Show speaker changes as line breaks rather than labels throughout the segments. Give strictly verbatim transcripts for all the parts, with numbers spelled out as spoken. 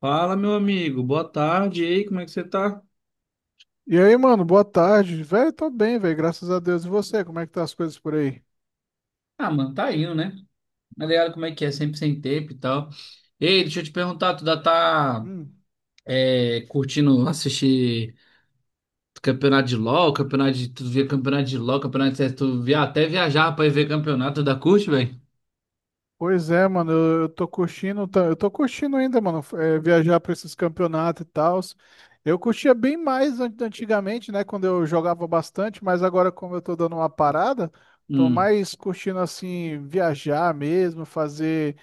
Fala, meu amigo. Boa tarde. E aí, como é que você tá?
E aí, mano, boa tarde. Velho, tô bem, velho, graças a Deus. E você, como é que tá as coisas por aí?
Ah, mano, tá indo, né? Tá ligado como é que é, sempre sem tempo e tal. Ei, deixa eu te perguntar, tu já tá
Hum.
é, curtindo assistir campeonato de LoL, campeonato de... Tu via campeonato de LoL, campeonato de... C S, Tu via até viajar pra ir ver campeonato da curte, velho?
Pois é, mano, eu, eu tô curtindo, tá- eu tô curtindo ainda, mano, é, viajar pra esses campeonatos e tal. Eu curtia bem mais an- antigamente, né, quando eu jogava bastante, mas agora, como eu tô dando uma parada, tô
Hum,
mais curtindo, assim, viajar mesmo, fazer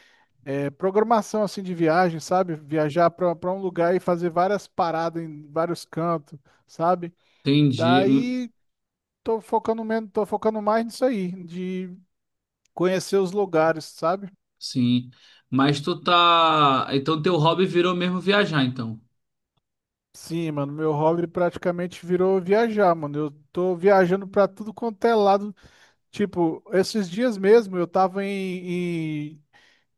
é, programação, assim, de viagem, sabe? Viajar pra, pra um lugar e fazer várias paradas em vários cantos, sabe?
entendi. Hum,
Daí. Tô focando menos, tô focando mais nisso aí, de conhecer os lugares, sabe?
sim. Mas tu tá... Então teu hobby virou mesmo viajar, então.
Sim, mano, meu hobby praticamente virou viajar, mano. Eu tô viajando pra tudo quanto é lado. Tipo, esses dias mesmo eu tava em,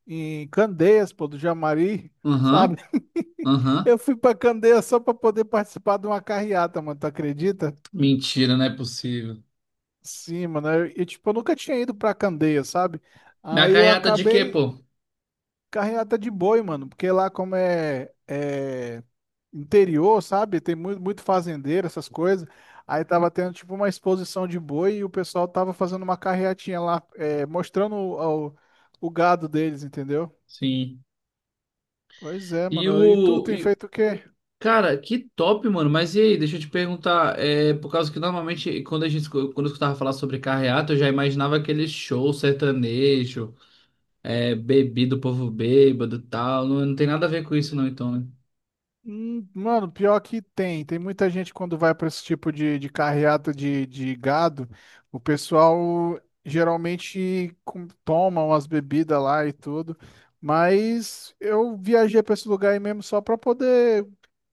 em, em Candeias, pô, do Jamari, sabe?
Aham, aham.
Eu fui pra Candeias só pra poder participar de uma carreata, mano, tu acredita?
Mentira, não é possível.
Sim, mano, eu, eu, tipo, eu nunca tinha ido pra Candeia, sabe?
Na
Aí eu
carreata de quê,
acabei.
pô?
Carreata de boi, mano, porque lá como é, é interior, sabe? Tem muito, muito fazendeiro, essas coisas. Aí tava tendo tipo uma exposição de boi e o pessoal tava fazendo uma carreatinha lá, é, mostrando o, o, o gado deles, entendeu?
Sim.
Pois é,
E
mano. E tu
o.
tem
e-
feito o quê?
Cara, que top, mano. Mas e aí, deixa eu te perguntar. É, por causa que normalmente, quando a gente escu- quando eu escutava falar sobre carreata, eu já imaginava aquele show sertanejo, é, bebido, povo bêbado e tal. Não, não tem nada a ver com isso, não, então, né?
Hum, Mano, pior que tem. Tem muita gente quando vai para esse tipo de, de carreata de, de gado, o pessoal geralmente com- toma umas bebidas lá e tudo. Mas eu viajei para esse lugar aí mesmo só para poder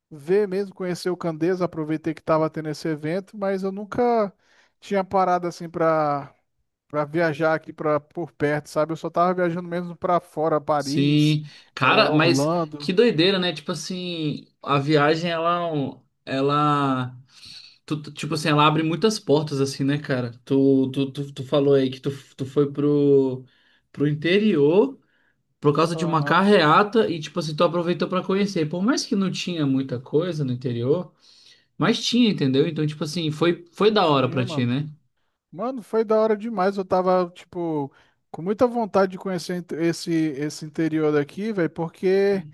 ver mesmo, conhecer o Candeias, aproveitei que estava tendo esse evento, mas eu nunca tinha parado assim para para viajar aqui para por perto, sabe? Eu só tava viajando mesmo para fora, Paris,
Sim.
eh,
Cara, mas
Orlando.
que doideira, né? Tipo assim, a viagem, ela. É um- Ela. Tu- tu- tipo assim, ela abre muitas portas, assim, né, cara? Tu, tu, tu, tu falou aí que tu, tu foi pro, pro interior. Por causa de uma
Aham,
carreata e, tipo assim, tu aproveitou pra conhecer. Por mais que não tinha muita coisa no interior, mas tinha, entendeu? Então, tipo assim, foi, foi da hora
tinha,
pra ti,
mano.
né?
Mano, foi da hora demais. Eu tava, tipo, com muita vontade de conhecer inte- esse, esse interior daqui, velho, porque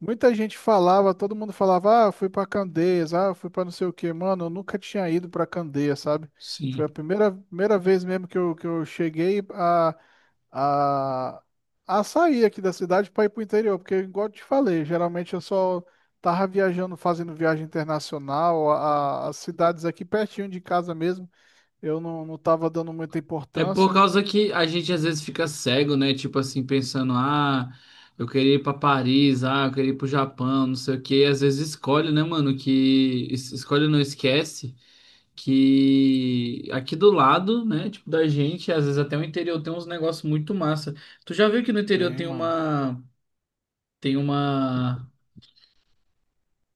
muita gente falava, todo mundo falava, ah, fui pra Candeias, ah, fui pra não sei o quê. Mano, eu nunca tinha ido pra Candeias, sabe?
Sim.
Foi a primeira, primeira vez mesmo que eu, que eu cheguei a, a, a sair aqui da cidade pra ir pro interior, porque, igual eu te falei, geralmente eu só tava viajando, fazendo viagem internacional, a, a- as cidades aqui pertinho de casa mesmo. Eu não, não tava dando muita
É por
importância.
causa que a gente às vezes fica cego, né? Tipo assim, pensando, ah, eu queria ir pra Paris, ah, eu queria ir pro Japão, não sei o quê. E às vezes escolhe, né, mano, que... es- escolhe não esquece que aqui do lado, né, tipo da gente, às vezes até o interior tem uns negócios muito massa. Tu já viu que no interior
Tem,
tem
mano.
uma... Tem uma.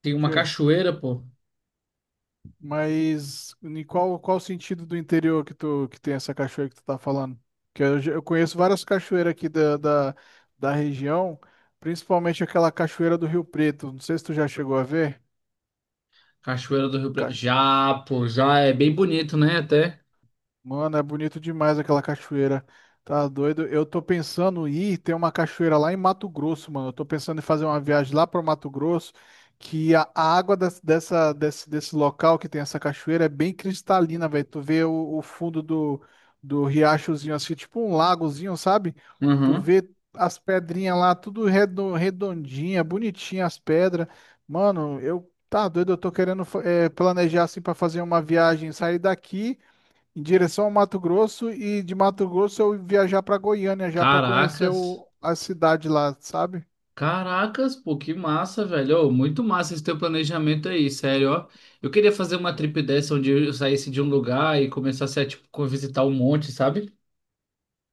Tem uma
Que?
cachoeira, pô.
Mas em qual, qual sentido do interior que tu que tem essa cachoeira que tu tá falando? Que eu, já- eu conheço várias cachoeiras aqui da, da, da região, principalmente aquela cachoeira do Rio Preto. Não sei se tu já chegou a ver.
Cachoeira do Rio Preto. Já, pô, já é bem bonito, né? Até.
Mano, é bonito demais aquela cachoeira. Tá doido? Eu tô pensando em ir, tem uma cachoeira lá em Mato Grosso, mano. Eu tô pensando em fazer uma viagem lá para Mato Grosso, que a, a água des- dessa, desse, desse local que tem essa cachoeira é bem cristalina, velho. Tu vê o, o fundo do, do riachozinho, assim, tipo um lagozinho, sabe? Tu
Uhum.
vê as pedrinhas lá, tudo redo- redondinha, bonitinha as pedras. Mano, eu... Tá doido, eu tô querendo fa- eh, planejar assim para fazer uma viagem, sair daqui em direção ao Mato Grosso e de Mato Grosso eu viajar pra Goiânia já pra conhecer
Caracas.
o- a cidade lá, sabe?
Caracas, pô, que massa, velho. Ô, muito massa esse teu planejamento aí, sério, ó. Eu queria fazer uma trip dessa onde eu saísse de um lugar e começasse a, tipo, co- visitar um monte, sabe?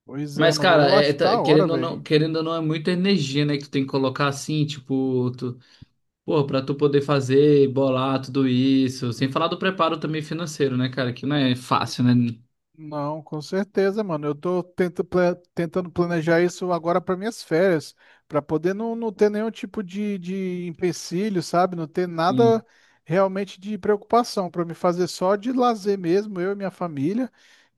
Pois é,
Mas,
mano.
cara,
Eu
é, é,
acho
tá-
da hora,
querendo ou
velho.
não, querendo ou não, é muita energia, né? Que tu tem que colocar assim, tipo, tu, pô, pra tu poder fazer, e bolar tudo isso, sem falar do preparo também financeiro, né, cara, que não é fácil, né?
Não, com certeza, mano. Eu tô tenta- pla- tentando planejar isso agora para minhas férias, para poder não, não ter nenhum tipo de, de empecilho, sabe? Não ter
Sim.
nada realmente de preocupação, para me fazer só de lazer mesmo, eu e minha família,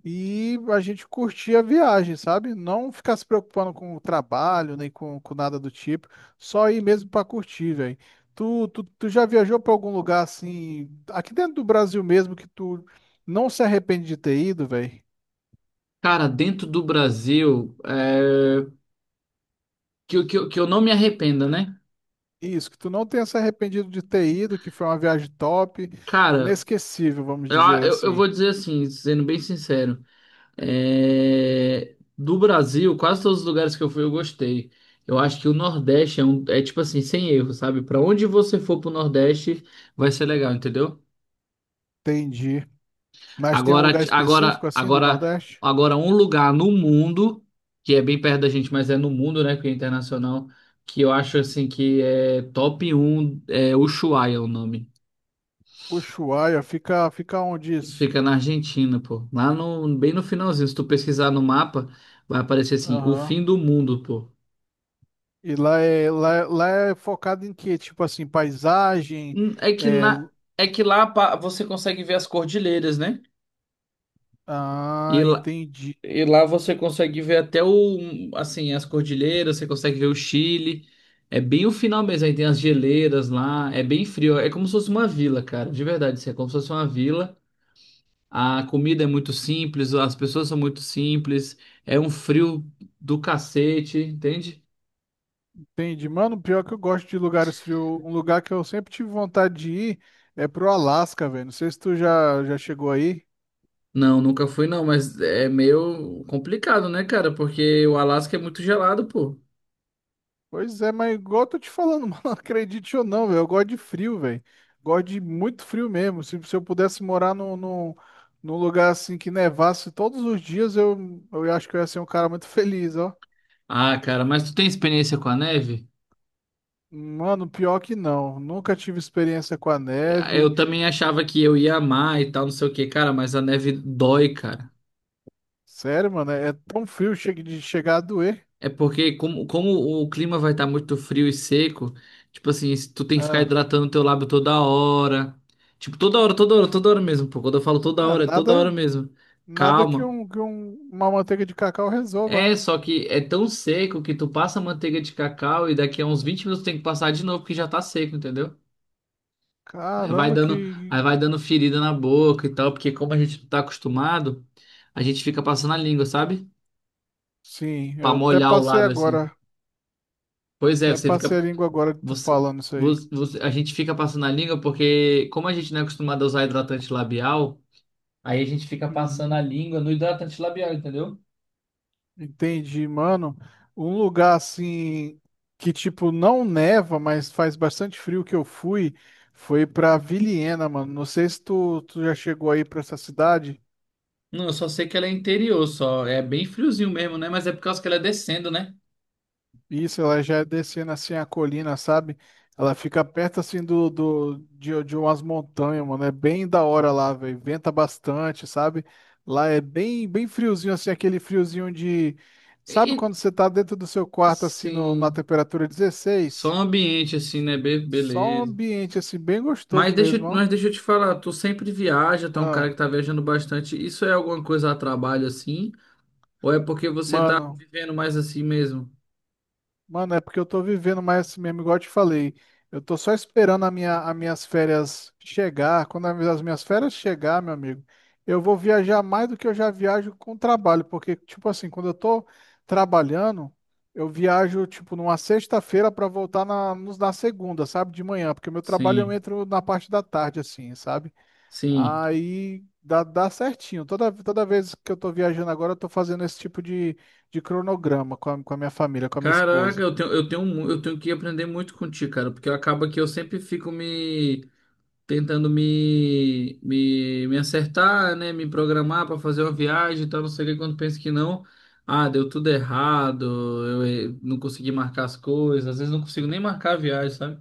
e a gente curtir a viagem, sabe? Não ficar se preocupando com o trabalho, nem com, com nada do tipo, só ir mesmo para curtir, velho. Tu, tu, tu já viajou para algum lugar assim, aqui dentro do Brasil mesmo, que tu não se arrepende de ter ido, velho?
Cara, dentro do Brasil, é... que, eu- que, eu- que eu não me arrependa, né?
Isso, que tu não tenha se arrependido de ter ido, que foi uma viagem top,
Cara,
inesquecível, vamos
eu,
dizer
eu, eu
assim.
vou dizer assim, sendo bem sincero, é... do Brasil, quase todos os lugares que eu fui eu gostei. Eu acho que o Nordeste é, um, é tipo assim, sem erro, sabe? Pra onde você for pro Nordeste, vai ser legal, entendeu?
Entendi. Mas tem um
Agora,
lugar
agora,
específico assim do
agora,
Nordeste?
agora um lugar no mundo, que é bem perto da gente, mas é no mundo, né, porque é internacional, que eu acho assim que é top um é Ushuaia é o nome.
Ushuaia, fica, fica onde isso?
Fica na Argentina, pô. Lá no, bem no finalzinho, se tu pesquisar no mapa, vai aparecer assim, o fim
Aham.
do mundo, pô.
E lá é, lá, é- lá é focado em quê? Tipo assim, paisagem,
Hum, É que
é...
na,
lu-
é que lá pa- você consegue ver as cordilheiras, né?
Ah,
E lá,
entendi,
e lá você consegue ver até o, assim, as cordilheiras, você consegue ver o Chile. É bem o final mesmo, aí tem as geleiras lá, é bem frio, é como se fosse uma vila, cara, de verdade, assim, é como se fosse uma vila. A comida é muito simples, as pessoas são muito simples, é um frio do cacete, entende?
entendi. Mano, pior que eu gosto de lugares frios. Um lugar que eu sempre tive vontade de ir é pro Alasca, velho. Não sei se tu já, já chegou aí.
Não, nunca fui não, mas é meio complicado, né, cara? Porque o Alasca é muito gelado, pô.
Pois é, mas igual eu tô te falando, mano, acredite ou não, velho, eu gosto de frio, velho. Gosto de muito frio mesmo. Se, se eu pudesse morar num, num, num lugar assim que nevasse todos os dias, eu, eu acho que eu ia ser um cara muito feliz, ó.
Ah, cara, mas tu tem experiência com a neve?
Mano, pior que não. Nunca tive experiência com a neve.
Eu também achava que eu ia amar e tal, não sei o que, cara, mas a neve dói, cara.
Sério, mano, é, é tão frio chega de chegar a doer.
É porque como, como o clima vai estar muito frio e seco, tipo assim, se tu tem que ficar
Ah,
hidratando teu lábio toda hora. Tipo, toda hora, toda hora, toda hora mesmo, pô. Quando eu falo toda
ah,
hora, é toda hora
nada,
mesmo.
nada que,
Calma.
um, que um- uma manteiga de cacau resolva,
É,
né?
só que é tão seco que tu passa manteiga de cacau e daqui a uns vinte minutos tem que passar de novo porque já tá seco, entendeu? Aí vai
Caramba,
dando,
que.
aí vai dando ferida na boca e tal, porque como a gente não tá acostumado, a gente fica passando a língua, sabe?
Sim,
Pra
eu até
molhar o
passei
lábio assim.
agora.
Pois é,
Até
você fica.
passei a língua agora de tu
Você,
falando isso aí.
você- você- a gente fica passando a língua porque, como a gente não é acostumado a usar hidratante labial, aí a gente fica passando a
Uhum.
língua no hidratante labial, entendeu?
Entendi, mano. Um lugar assim que tipo não neva, mas faz bastante frio que eu fui, foi pra Vilhena, mano. Não sei se tu, tu já chegou aí pra essa cidade.
Não, eu só sei que ela é interior, só. É bem friozinho mesmo, né? Mas é por causa que ela é descendo, né?
Isso, ela já é descendo assim a colina, sabe? Ela fica perto assim do, do de, de umas montanhas, mano. É bem da hora lá, velho. Venta bastante, sabe? Lá é bem bem friozinho assim, aquele friozinho de, sabe
E,
quando você tá dentro do seu quarto assim no, na
sim.
temperatura
Só
dezesseis?
um ambiente assim, né? Be-
Só um
beleza.
ambiente assim bem
Mas
gostoso
deixa,
mesmo,
eu-
ó.
mas deixa eu te falar, tu sempre viaja, tu é um cara que
Ah,
tá viajando bastante. Isso é alguma coisa a trabalho assim? Ou é porque você tá
mano,
vivendo mais assim mesmo?
Mano, é porque eu tô vivendo mais esse mesmo, igual eu te falei. Eu tô só esperando a minha, as minhas férias chegar. Quando as minhas férias chegar, meu amigo, eu vou viajar mais do que eu já viajo com trabalho. Porque, tipo assim, quando eu tô trabalhando, eu viajo, tipo, numa sexta-feira pra voltar na, nos- na segunda, sabe? De manhã. Porque meu trabalho eu
Sim,
entro na parte da tarde, assim, sabe?
sim.
Aí dá, dá certinho. Toda, toda vez que eu tô viajando agora, eu tô fazendo esse tipo de, de cronograma com a, com a minha família, com a minha
Caraca,
esposa.
eu tenho, eu tenho, mu- eu tenho que aprender muito contigo, cara, porque acaba que eu sempre fico me tentando me, me, me acertar, né? Me programar para fazer uma viagem e tal, não sei o que, quando penso que não. Ah, deu tudo errado, eu eh, não consegui marcar as coisas, às vezes não consigo nem marcar a viagem, sabe?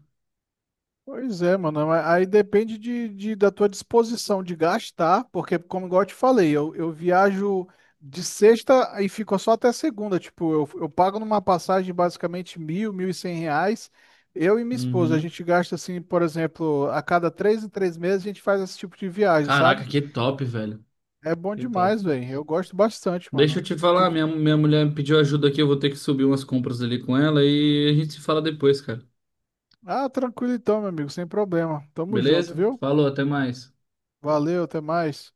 Pois é, mano. Mas aí depende de, de- da tua disposição de gastar, porque, como igual eu te falei, eu, eu viajo de sexta e fico só até segunda. Tipo, eu, eu pago numa passagem basicamente mil, mil e cem reais. Eu e minha esposa, a
Uhum.
gente gasta assim, por exemplo, a cada três em três meses a gente faz esse tipo de viagem, sabe?
Caraca, que top, velho.
É bom
Que top.
demais, velho. Eu gosto bastante,
Deixa eu
mano.
te
Tu-
falar,
tu-
minha, minha mulher me pediu ajuda aqui, eu vou ter que subir umas compras ali com ela e a gente se fala depois, cara.
Ah, tranquilo então, meu amigo, sem problema. Tamo junto,
Beleza?
viu?
Falou, até mais.
Valeu, até mais.